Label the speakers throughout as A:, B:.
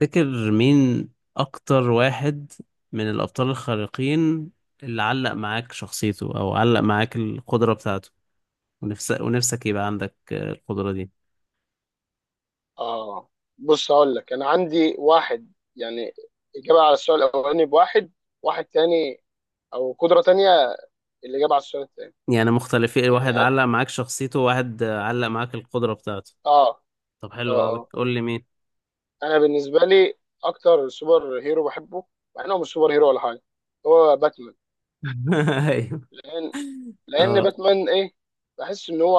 A: تفتكر مين أكتر واحد من الأبطال الخارقين اللي علق معاك شخصيته أو علق معاك القدرة بتاعته، ونفسك يبقى عندك القدرة دي؟
B: اه. بص هقول لك انا عندي واحد، يعني اجابه على السؤال الاولاني بواحد. واحد تاني او قدره تانيه الاجابه على السؤال التاني.
A: يعني مختلفين،
B: يعني
A: واحد علق معاك شخصيته وواحد علق معاك القدرة بتاعته.
B: اه
A: طب
B: اه
A: حلو أوي،
B: اه
A: قول لي مين.
B: انا بالنسبه لي اكتر سوبر هيرو بحبه، مع انه مش سوبر هيرو ولا حاجه، هو باتمان.
A: أيوه.
B: لان لان
A: أه.
B: باتمان ايه، بحس ان هو،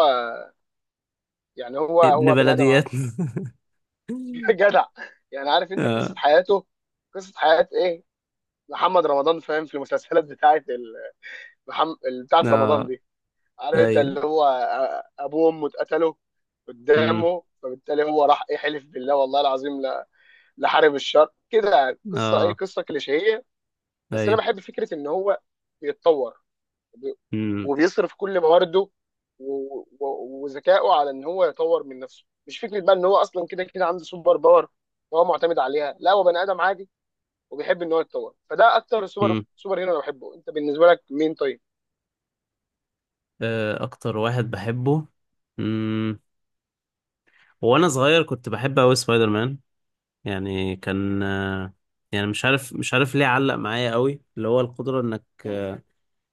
B: يعني هو
A: ابن
B: هو بني ادم عادي.
A: بلدياتنا.
B: جدع. يعني عارف انت قصه
A: أه.
B: حياته، قصه حياه ايه، محمد رمضان فاهم، في المسلسلات بتاعت ال... محم... بتاعت رمضان
A: أه.
B: دي. عارف انت
A: أيوه.
B: اللي هو ابوه وامه اتقتلوا
A: أمم.
B: قدامه، فبالتالي هو راح ايه حلف بالله والله العظيم لا لحارب الشر كده، يعني قصه ايه،
A: أه.
B: قصه كليشيهيه. بس انا
A: أيوه.
B: بحب فكره ان هو بيتطور وبي-
A: أمم.
B: وبيصرف كل موارده وذكائه على ان هو يطور من نفسه، مش فكره بقى ان هو اصلا كده كده عنده سوبر باور وهو معتمد عليها، لا هو بني ادم عادي وبيحب ان هو يتطور. فده اكتر سوبر
A: أمم.
B: سوبر هيرو انا بحبه. انت بالنسبه لك مين طيب؟
A: أكتر واحد بحبه. مم. وانا صغير كنت بحب قوي سبايدر مان، يعني كان يعني مش عارف ليه علق معايا قوي، اللي هو القدرة انك
B: امم.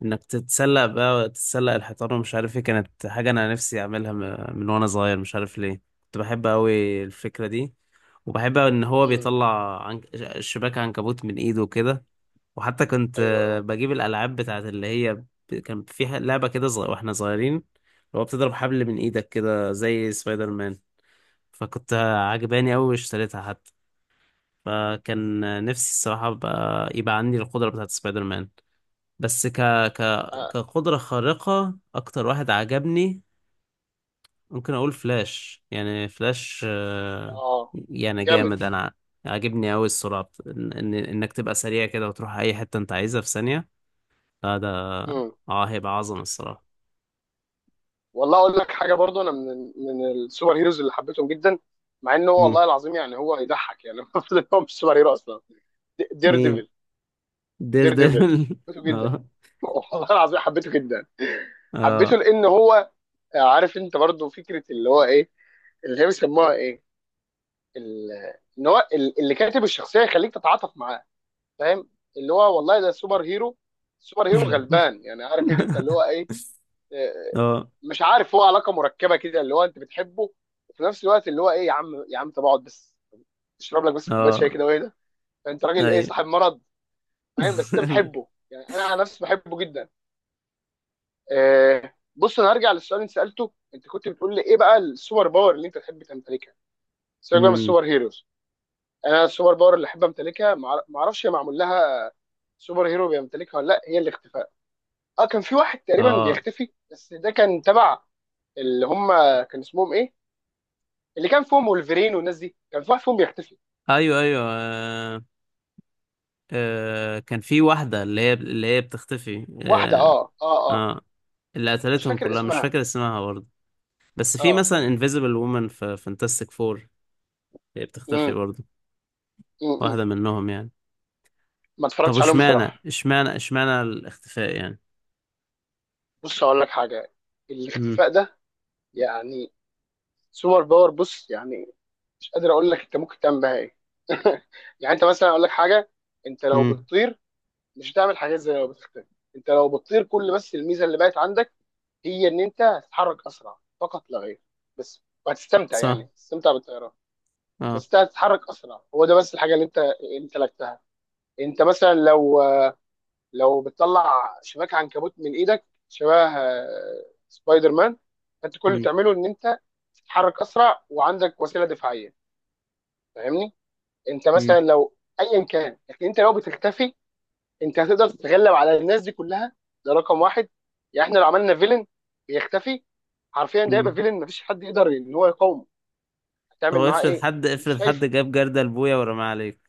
A: انك تتسلق، بقى تتسلق الحيطان، ومش عارف ايه، كانت حاجة انا نفسي اعملها من وانا صغير، مش عارف ليه كنت بحب قوي الفكرة دي، وبحب ان هو
B: امم.
A: بيطلع شباك عنكبوت من ايده وكده. وحتى كنت
B: ايوه ايوه.
A: بجيب الالعاب بتاعت اللي هي، كان فيها لعبة كده واحنا صغيرين، اللي هو بتضرب حبل من ايدك كده زي سبايدر مان، فكنت عجباني
B: مم.
A: أوي واشتريتها حتى. فكان نفسي الصراحة بقى يبقى عندي القدرة بتاعت سبايدر مان. بس ك... كقدرة خارقة، أكتر واحد عجبني ممكن أقول فلاش. يعني فلاش
B: اه،
A: يعني
B: جامد.
A: جامد، أنا عاجبني أوي السرعة إنك تبقى سريع كده وتروح أي حتة أنت عايزها في ثانية. لا ده
B: امم.
A: اه، هيبقى عظمة الصراحة.
B: والله اقول لك حاجه برضو، انا من السوبر هيروز اللي حبيتهم جدا، مع انه هو
A: مم.
B: والله العظيم يعني هو يضحك يعني المفروض ان هو مش سوبر هيرو اصلا. دير
A: مين؟
B: ديفل.
A: دير
B: دير ديفل
A: ديفل.
B: حبيته جدا.
A: اه.
B: والله العظيم حبيته جدا. حبيته
A: اه.
B: لان هو، عارف انت برضو فكره اللي هو ايه، اللي هي بيسموها ايه، ال- ان هو اللي كاتب الشخصيه يخليك تتعاطف معاه، فاهم؟ اللي هو والله ده سوبر هيرو، سوبر هيرو غلبان، يعني عارف انت اللي هو إيه،
A: اه.
B: مش عارف، هو علاقه مركبه كده اللي هو انت بتحبه وفي نفس الوقت اللي هو ايه، يا عم يا عم طب اقعد بس تشرب لك بس كوبايه شاي
A: اه.
B: كده، وايه ده انت راجل ايه
A: ايوه.
B: صاحب مرض. فاهم؟ بس انت بتحبه يعني انا على نفسي بحبه جدا. بص انا هرجع للسؤال اللي سالته، انت كنت بتقول لي ايه بقى السوبر باور اللي انت تحب تمتلكها، سيبك بقى من
A: امم.
B: السوبر هيروز. انا السوبر باور اللي احب امتلكها، ما اعرفش هي معمول لها سوبر هيرو بيمتلكها ولا لا، هي الاختفاء. اه كان في واحد تقريبا
A: اه.
B: بيختفي، بس ده كان تبع اللي هم كان اسمهم ايه، اللي كان فيهم وولفرين والناس دي، كان في واحد فيهم بيختفي.
A: ايوه. ايوه. آه. آه. كان في واحدة اللي هي بتختفي،
B: واحده،
A: اه,
B: اه اه اه.
A: آه. اللي
B: مش
A: قتلتهم
B: فاكر
A: كلها مش
B: اسمها.
A: فاكر اسمها برضه، بس في
B: اه.
A: مثلا انفيزبل وومن في فانتاستيك فور، هي بتختفي
B: امم.
A: برضه،
B: امم.
A: واحدة منهم يعني.
B: ما
A: طب
B: اتفرجتش عليهم
A: اشمعنى
B: بصراحه.
A: اشمعنى اشمعنى الاختفاء يعني؟
B: بص اقول لك حاجه،
A: امم.
B: الاختفاء ده يعني سوبر باور، بص يعني مش قادر اقول لك انت ممكن تعمل بيها ايه. يعني انت مثلا اقول لك حاجه، انت لو
A: امم.
B: بتطير مش هتعمل حاجات زي لو بتختفي. انت لو بتطير كل بس الميزه اللي بقت عندك هي ان انت هتتحرك اسرع فقط لا غير، بس، وهتستمتع يعني
A: صح.
B: هتستمتع بالطيران. بس
A: اه.
B: انت هتتحرك اسرع، هو ده بس الحاجه اللي انت لكتها. انت مثلا لو، لو بتطلع شباك عنكبوت من ايدك شبه سبايدر مان، فانت كل اللي
A: امم.
B: بتعمله ان انت تتحرك اسرع وعندك وسيله دفاعيه. فاهمني؟ انت مثلا
A: امم.
B: لو ايا كان، لكن انت لو بتختفي انت هتقدر تتغلب على الناس دي كلها. ده رقم واحد. يعني احنا لو عملنا فيلن بيختفي، حرفيا ده يبقى
A: امم.
B: فيلن مفيش حد يقدر ان هو يقاومه،
A: طب
B: هتعمل معاه
A: افرض
B: ايه؟
A: حد
B: مش
A: افرض حد
B: شايفه.
A: جاب جردل بويا ورماه عليك.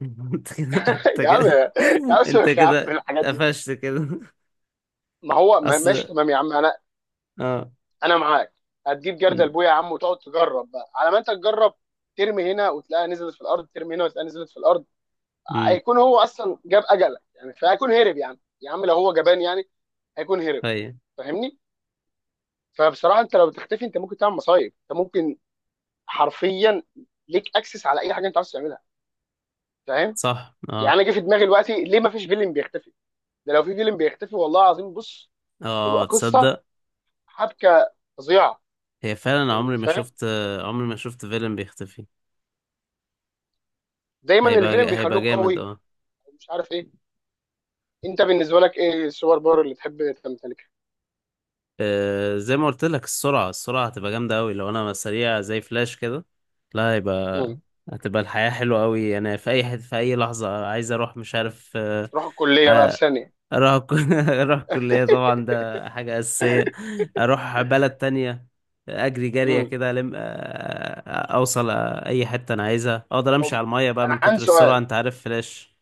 A: انت كده انت
B: يا عم
A: كده
B: يا عم
A: انت
B: سيبك يا عم من
A: كده
B: الحاجات دي.
A: قفشت كده.
B: ما هو ماشي
A: اصل
B: تمام يا عم، انا
A: اه.
B: انا معاك. هتجيب جردل
A: امم.
B: بويا يا عم وتقعد تجرب بقى، على ما انت تجرب، ترمي هنا وتلاقيها نزلت في الارض، ترمي هنا وتلاقيها نزلت في الارض.
A: أمم.
B: هيكون هو اصلا جاب اجلك يعني، فهيكون هرب يا عم. يا عم لو هو جبان يعني هيكون هرب.
A: هي
B: فاهمني؟ فبصراحه انت لو تختفي انت ممكن تعمل مصايب. انت ممكن حرفيا ليك اكسس على اي حاجه انت عاوز تعملها. فاهم؟
A: صح.
B: يعني
A: اه.
B: انا جه في دماغي دلوقتي ليه ما فيش فيلم بيختفي؟ ده لو في فيلم بيختفي والله العظيم، بص تبقى
A: اه
B: قصه،
A: تصدق.
B: حبكه فظيعه،
A: هي فعلا
B: يعني فاهم؟
A: عمري ما شفت فيلم بيختفي.
B: دايما الفيلم
A: هيبقى
B: بيخلوه
A: جامد
B: قوي
A: اه.
B: مش عارف ايه. انت بالنسبه لك ايه السوبر باور اللي تحب تمتلكها؟
A: زي ما قلت لك السرعة، هتبقى جامدة أوي لو أنا سريع زي فلاش كده. لا، هيبقى
B: امم.
A: هتبقى الحياة حلوة أوي، أنا في أي حد في أي لحظة عايز أروح مش عارف
B: تروح الكليه بقى في
A: آه،
B: ثانيه.
A: اروح اروح الكلية طبعا، ده حاجة أساسية. اروح بلد تانية، اجري جرية
B: امم.
A: كده لم، اوصل اي حتة انا عايزها، اقدر امشي
B: هم...
A: على المية بقى من
B: انا
A: كتر
B: عندي
A: السرعة،
B: سؤال،
A: انت عارف فلاش.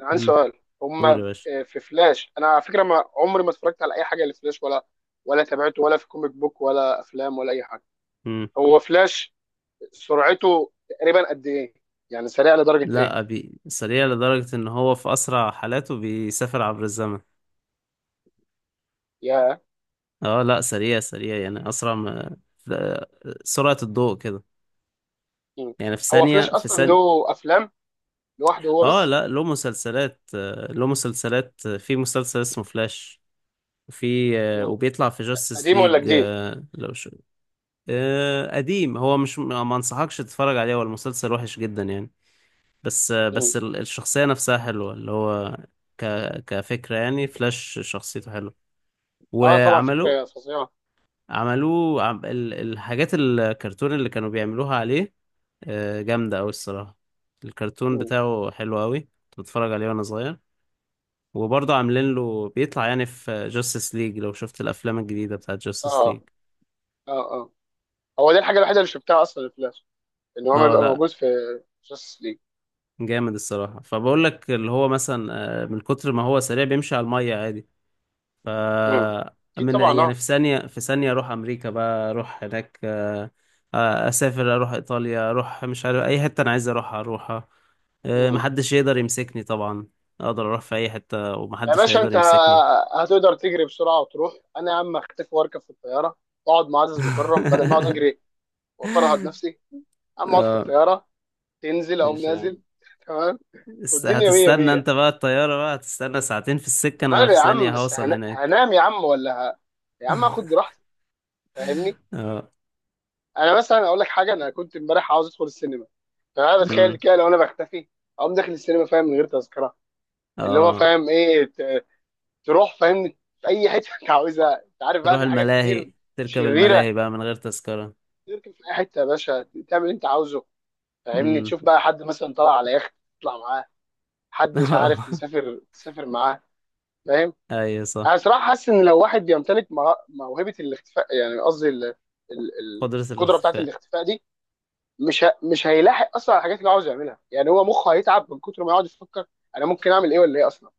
B: انا عندي
A: امم.
B: سؤال. هم
A: قول يا باشا.
B: آه، في فلاش، انا على فكره ما عمري ما اتفرجت على اي حاجه لفلاش، ولا تابعته ولا في كوميك بوك ولا افلام ولا اي حاجه،
A: امم.
B: هو فلاش سرعته تقريبا قد ايه؟ يعني سريع لدرجه ايه؟
A: لا سريع لدرجة ان هو في اسرع حالاته بيسافر عبر الزمن.
B: يا.
A: اه، لا سريع سريع يعني اسرع ما سرعة الضوء كده،
B: مم.
A: يعني في
B: هو
A: ثانية
B: فلاش
A: في
B: اصلا
A: ثانية.
B: له افلام لوحده هو
A: اه،
B: بس؟
A: لا، له مسلسلات، في مسلسل اسمه فلاش، في آه،
B: مم.
A: وبيطلع في جاستس
B: قديم ولا
A: ليج.
B: جديد؟
A: لو شو، قديم، هو مش، ما انصحكش تتفرج عليه، هو المسلسل وحش جدا يعني. بس
B: مم.
A: الشخصية نفسها حلوة، اللي هو ك كفكرة، يعني فلاش شخصيته حلوة.
B: اه طبعا
A: وعملوا،
B: فكره فظيعه.
A: عملوه الحاجات الكرتون اللي كانوا بيعملوها عليه جامدة أوي الصراحة. الكرتون
B: مم.
A: بتاعه حلو أوي، كنت بتفرج عليه وأنا صغير. وبرضه عاملين له بيطلع يعني في جاستس ليج، لو شفت الأفلام الجديدة بتاعت جاستس
B: اه
A: ليج.
B: اه اه هو دي الحاجه الوحيده اللي شفتها اصلا في فلاش، ان هو ما
A: اه،
B: بيبقى
A: لا،
B: موجود في جاستس ليج.
A: جامد الصراحة، فبقول لك اللي هو مثلا من كتر ما هو سريع بيمشي على المية عادي. ف
B: امم. اكيد
A: من
B: طبعا،
A: يعني في
B: اه.
A: ثانية في ثانية اروح امريكا بقى، اروح هناك، اسافر، اروح ايطاليا، اروح مش عارف اي حتة انا عايز اروحها
B: امم.
A: محدش يقدر يمسكني طبعا، اقدر اروح في اي حتة
B: يا
A: ومحدش
B: باشا
A: هيقدر
B: انت
A: يمسكني.
B: هتقدر تجري بسرعه وتروح، انا يا عم اختفي واركب في الطياره واقعد مع عزيز مكرم بدل ما اقعد اجري وافرهد نفسي، اما اقعد في
A: اه،
B: الطياره تنزل او
A: ماشي يا
B: نازل.
A: عم.
B: تمام. والدنيا مية
A: هتستنى
B: مية.
A: انت بقى الطيارة، بقى هتستنى ساعتين في السكة، انا
B: وماله
A: في
B: يا عم،
A: ثانية
B: بس
A: هوصل هناك.
B: هنام يا عم ولا ه... يا عم اخد راحتي. فاهمني؟ انا مثلا اقول لك حاجه، انا كنت امبارح عاوز ادخل السينما، فانا بتخيل
A: اه
B: كده لو انا بختفي اقوم داخل السينما، فاهم؟ من غير تذكره. اللي هو
A: اه،
B: فاهم ايه، تروح، فاهم؟ في اي حته انت عاوزها. انت عارف بقى
A: تروح
B: في حاجات كتير
A: الملاهي، تركب
B: شريره،
A: الملاهي بقى من غير تذكرة.
B: تركب في اي حته يا باشا، تعمل اللي انت عاوزه. فاهمني؟
A: امم.
B: تشوف بقى حد مثلا طلع على يخت تطلع معاه، حد مش عارف
A: اه.
B: مسافر تسافر معاه. فاهم؟
A: ايوه صح.
B: انا صراحه حاسس ان لو واحد بيمتلك موهبه الاختفاء، يعني قصدي ال-
A: قدرة
B: القدره بتاعت
A: الاختفاء
B: الاختفاء دي، مش هيلاحق اصلا على الحاجات اللي عاوز يعملها. يعني هو مخه هيتعب من كتر ما يقعد يفكر انا ممكن اعمل ايه ولا ايه اصلا.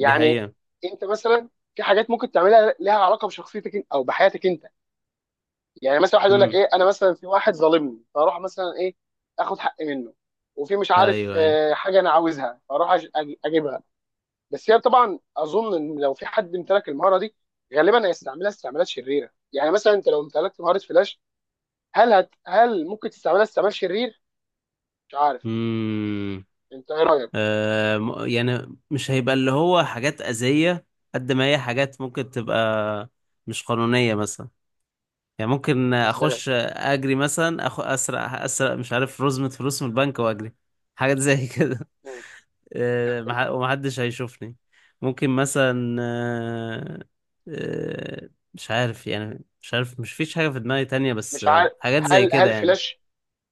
A: دي حقيقة.
B: انت مثلا، في حاجات ممكن تعملها لها علاقه بشخصيتك إن- او بحياتك انت. يعني مثلا واحد يقول لك
A: امم.
B: ايه، انا مثلا في واحد ظالمني فاروح مثلا ايه اخد حقي منه، وفي مش عارف
A: ايوه. ايوه.
B: حاجه انا عاوزها فاروح اجيبها. بس هي طبعا اظن ان لو في حد امتلك المهاره دي غالبا هيستعملها استعمالات شريره. يعني مثلا انت لو امتلكت مهاره فلاش، هل ممكن تستعملها استعمال شرير؟ مش عارف،
A: امم.
B: انت ايه رايك؟
A: يعني مش هيبقى اللي هو حاجات أذية، قد ما هي حاجات ممكن تبقى مش قانونية مثلا. يعني ممكن
B: ازاي.
A: اخش اجري مثلا، اسرق مش عارف رزمة فلوس من البنك واجري، حاجات زي كده.
B: مم.
A: ومحدش هيشوفني. ممكن مثلا مش عارف، يعني مش فيش حاجة في دماغي تانية، بس
B: مش عارف،
A: حاجات زي
B: هل
A: كده
B: هل
A: يعني.
B: فلاش،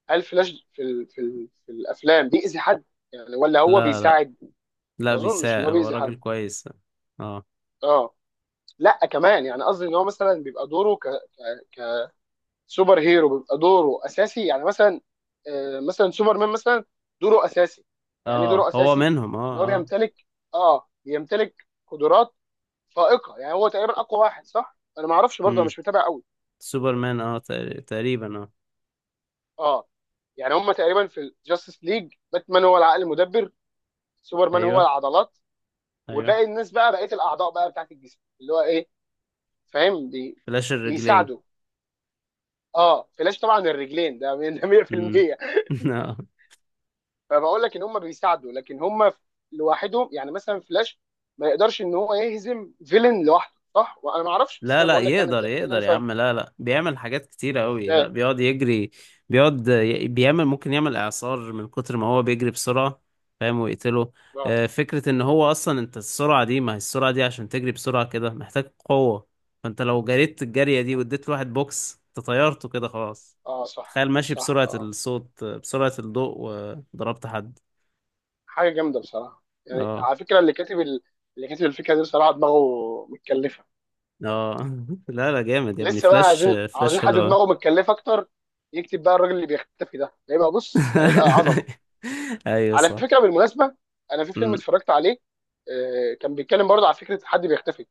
B: هل فلاش في ال... في ال... في الافلام بيأذي حد يعني ولا هو
A: لا، لا،
B: بيساعد؟
A: لا
B: ما اظنش ان
A: بيساعد،
B: هو
A: هو
B: بيأذي حد.
A: راجل كويس. اه
B: اه. لا كمان يعني قصدي ان هو مثلا بيبقى دوره ك... كسوبر هيرو بيبقى دوره اساسي. يعني مثلا، آه مثلا سوبرمان مثلا دوره اساسي، يعني ايه دوره
A: اه، هو
B: اساسي؟
A: منهم
B: يعني
A: اه
B: هو
A: اه.
B: بيمتلك، اه بيمتلك قدرات فائقة. يعني هو تقريبا اقوى واحد صح، انا ما اعرفش برضه، أنا
A: امم.
B: مش متابع قوي.
A: سوبرمان اه تقريبا اه.
B: اه. يعني هم تقريبا في الجاستس ليج، باتمان هو العقل المدبر، سوبرمان هو
A: ايوه
B: العضلات،
A: ايوه،
B: وباقي الناس بقى بقيه الاعضاء بقى بتاعت الجسم اللي هو ايه، فاهم؟
A: فلاش الرجلين.
B: بيساعدوا. اه فلاش طبعا الرجلين ده من- ده
A: امم.
B: 100%.
A: اه
B: فبقول لك ان هم بيساعدوا، لكن هم لوحدهم يعني مثلا فلاش ما يقدرش ان هو يهزم فيلن لوحده صح، وانا ما اعرفش بس
A: لا
B: انا
A: لا،
B: بقول لك يعني انت،
A: يقدر
B: ده اللي انا
A: يقدر يا
B: فاهمه.
A: عم، لا لا، بيعمل حاجات كتيرة قوي، لا
B: ازاي.
A: بيقعد يجري، بيقعد بيعمل، ممكن يعمل إعصار من كتر ما هو بيجري بسرعة، فاهم؟ ويقتله.
B: اه.
A: فكرة إن هو أصلا، أنت السرعة دي، ما هي السرعة دي عشان تجري بسرعة كده محتاج قوة، فأنت لو جريت الجرية دي واديت لواحد بوكس، أنت طيرته كده خلاص.
B: اه صح
A: تخيل ماشي
B: صح
A: بسرعة
B: اه.
A: الصوت بسرعة الضوء وضربت حد.
B: حاجه جامده بصراحه، يعني
A: اه
B: على فكره اللي كاتب ال... اللي كاتب الفكره دي بصراحه دماغه متكلفه.
A: اه. لا لا، جامد يا ابني
B: لسه بقى
A: فلاش،
B: عايزين،
A: فلاش
B: عاوزين حد
A: حلو أوي.
B: دماغه متكلفه اكتر، يكتب بقى الراجل اللي بيختفي ده، هيبقى بص هيبقى عظمه.
A: ايوه
B: على
A: صح.
B: فكره بالمناسبه، انا في فيلم
A: مم.
B: اتفرجت عليه كان بيتكلم برضه على فكره حد بيختفي،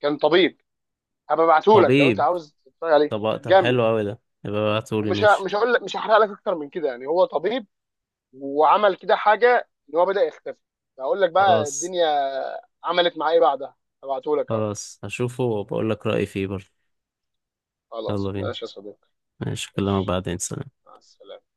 B: كان طبيب. هبقى ابعته لك لو انت
A: طبيب؟
B: عاوز تتفرج عليه،
A: طب
B: جامد.
A: حلو قوي، ده يبقى ابعتهولي،
B: ومش ه...
A: ماشي.
B: مش هقول لك، مش هحرق لك اكتر من كده يعني. هو طبيب وعمل كده حاجه ان هو بدا يختفي. هقول لك بقى
A: خلاص.
B: الدنيا عملت معاه ايه بعدها. هبعته لك اهو.
A: خلاص هشوفه وبقول لك رأيي فيه برضه. يلا
B: خلاص
A: بينا،
B: ماشي يا صديقي.
A: ماشي، اكلمك
B: ماشي.
A: بعدين، سلام.
B: مع السلامة.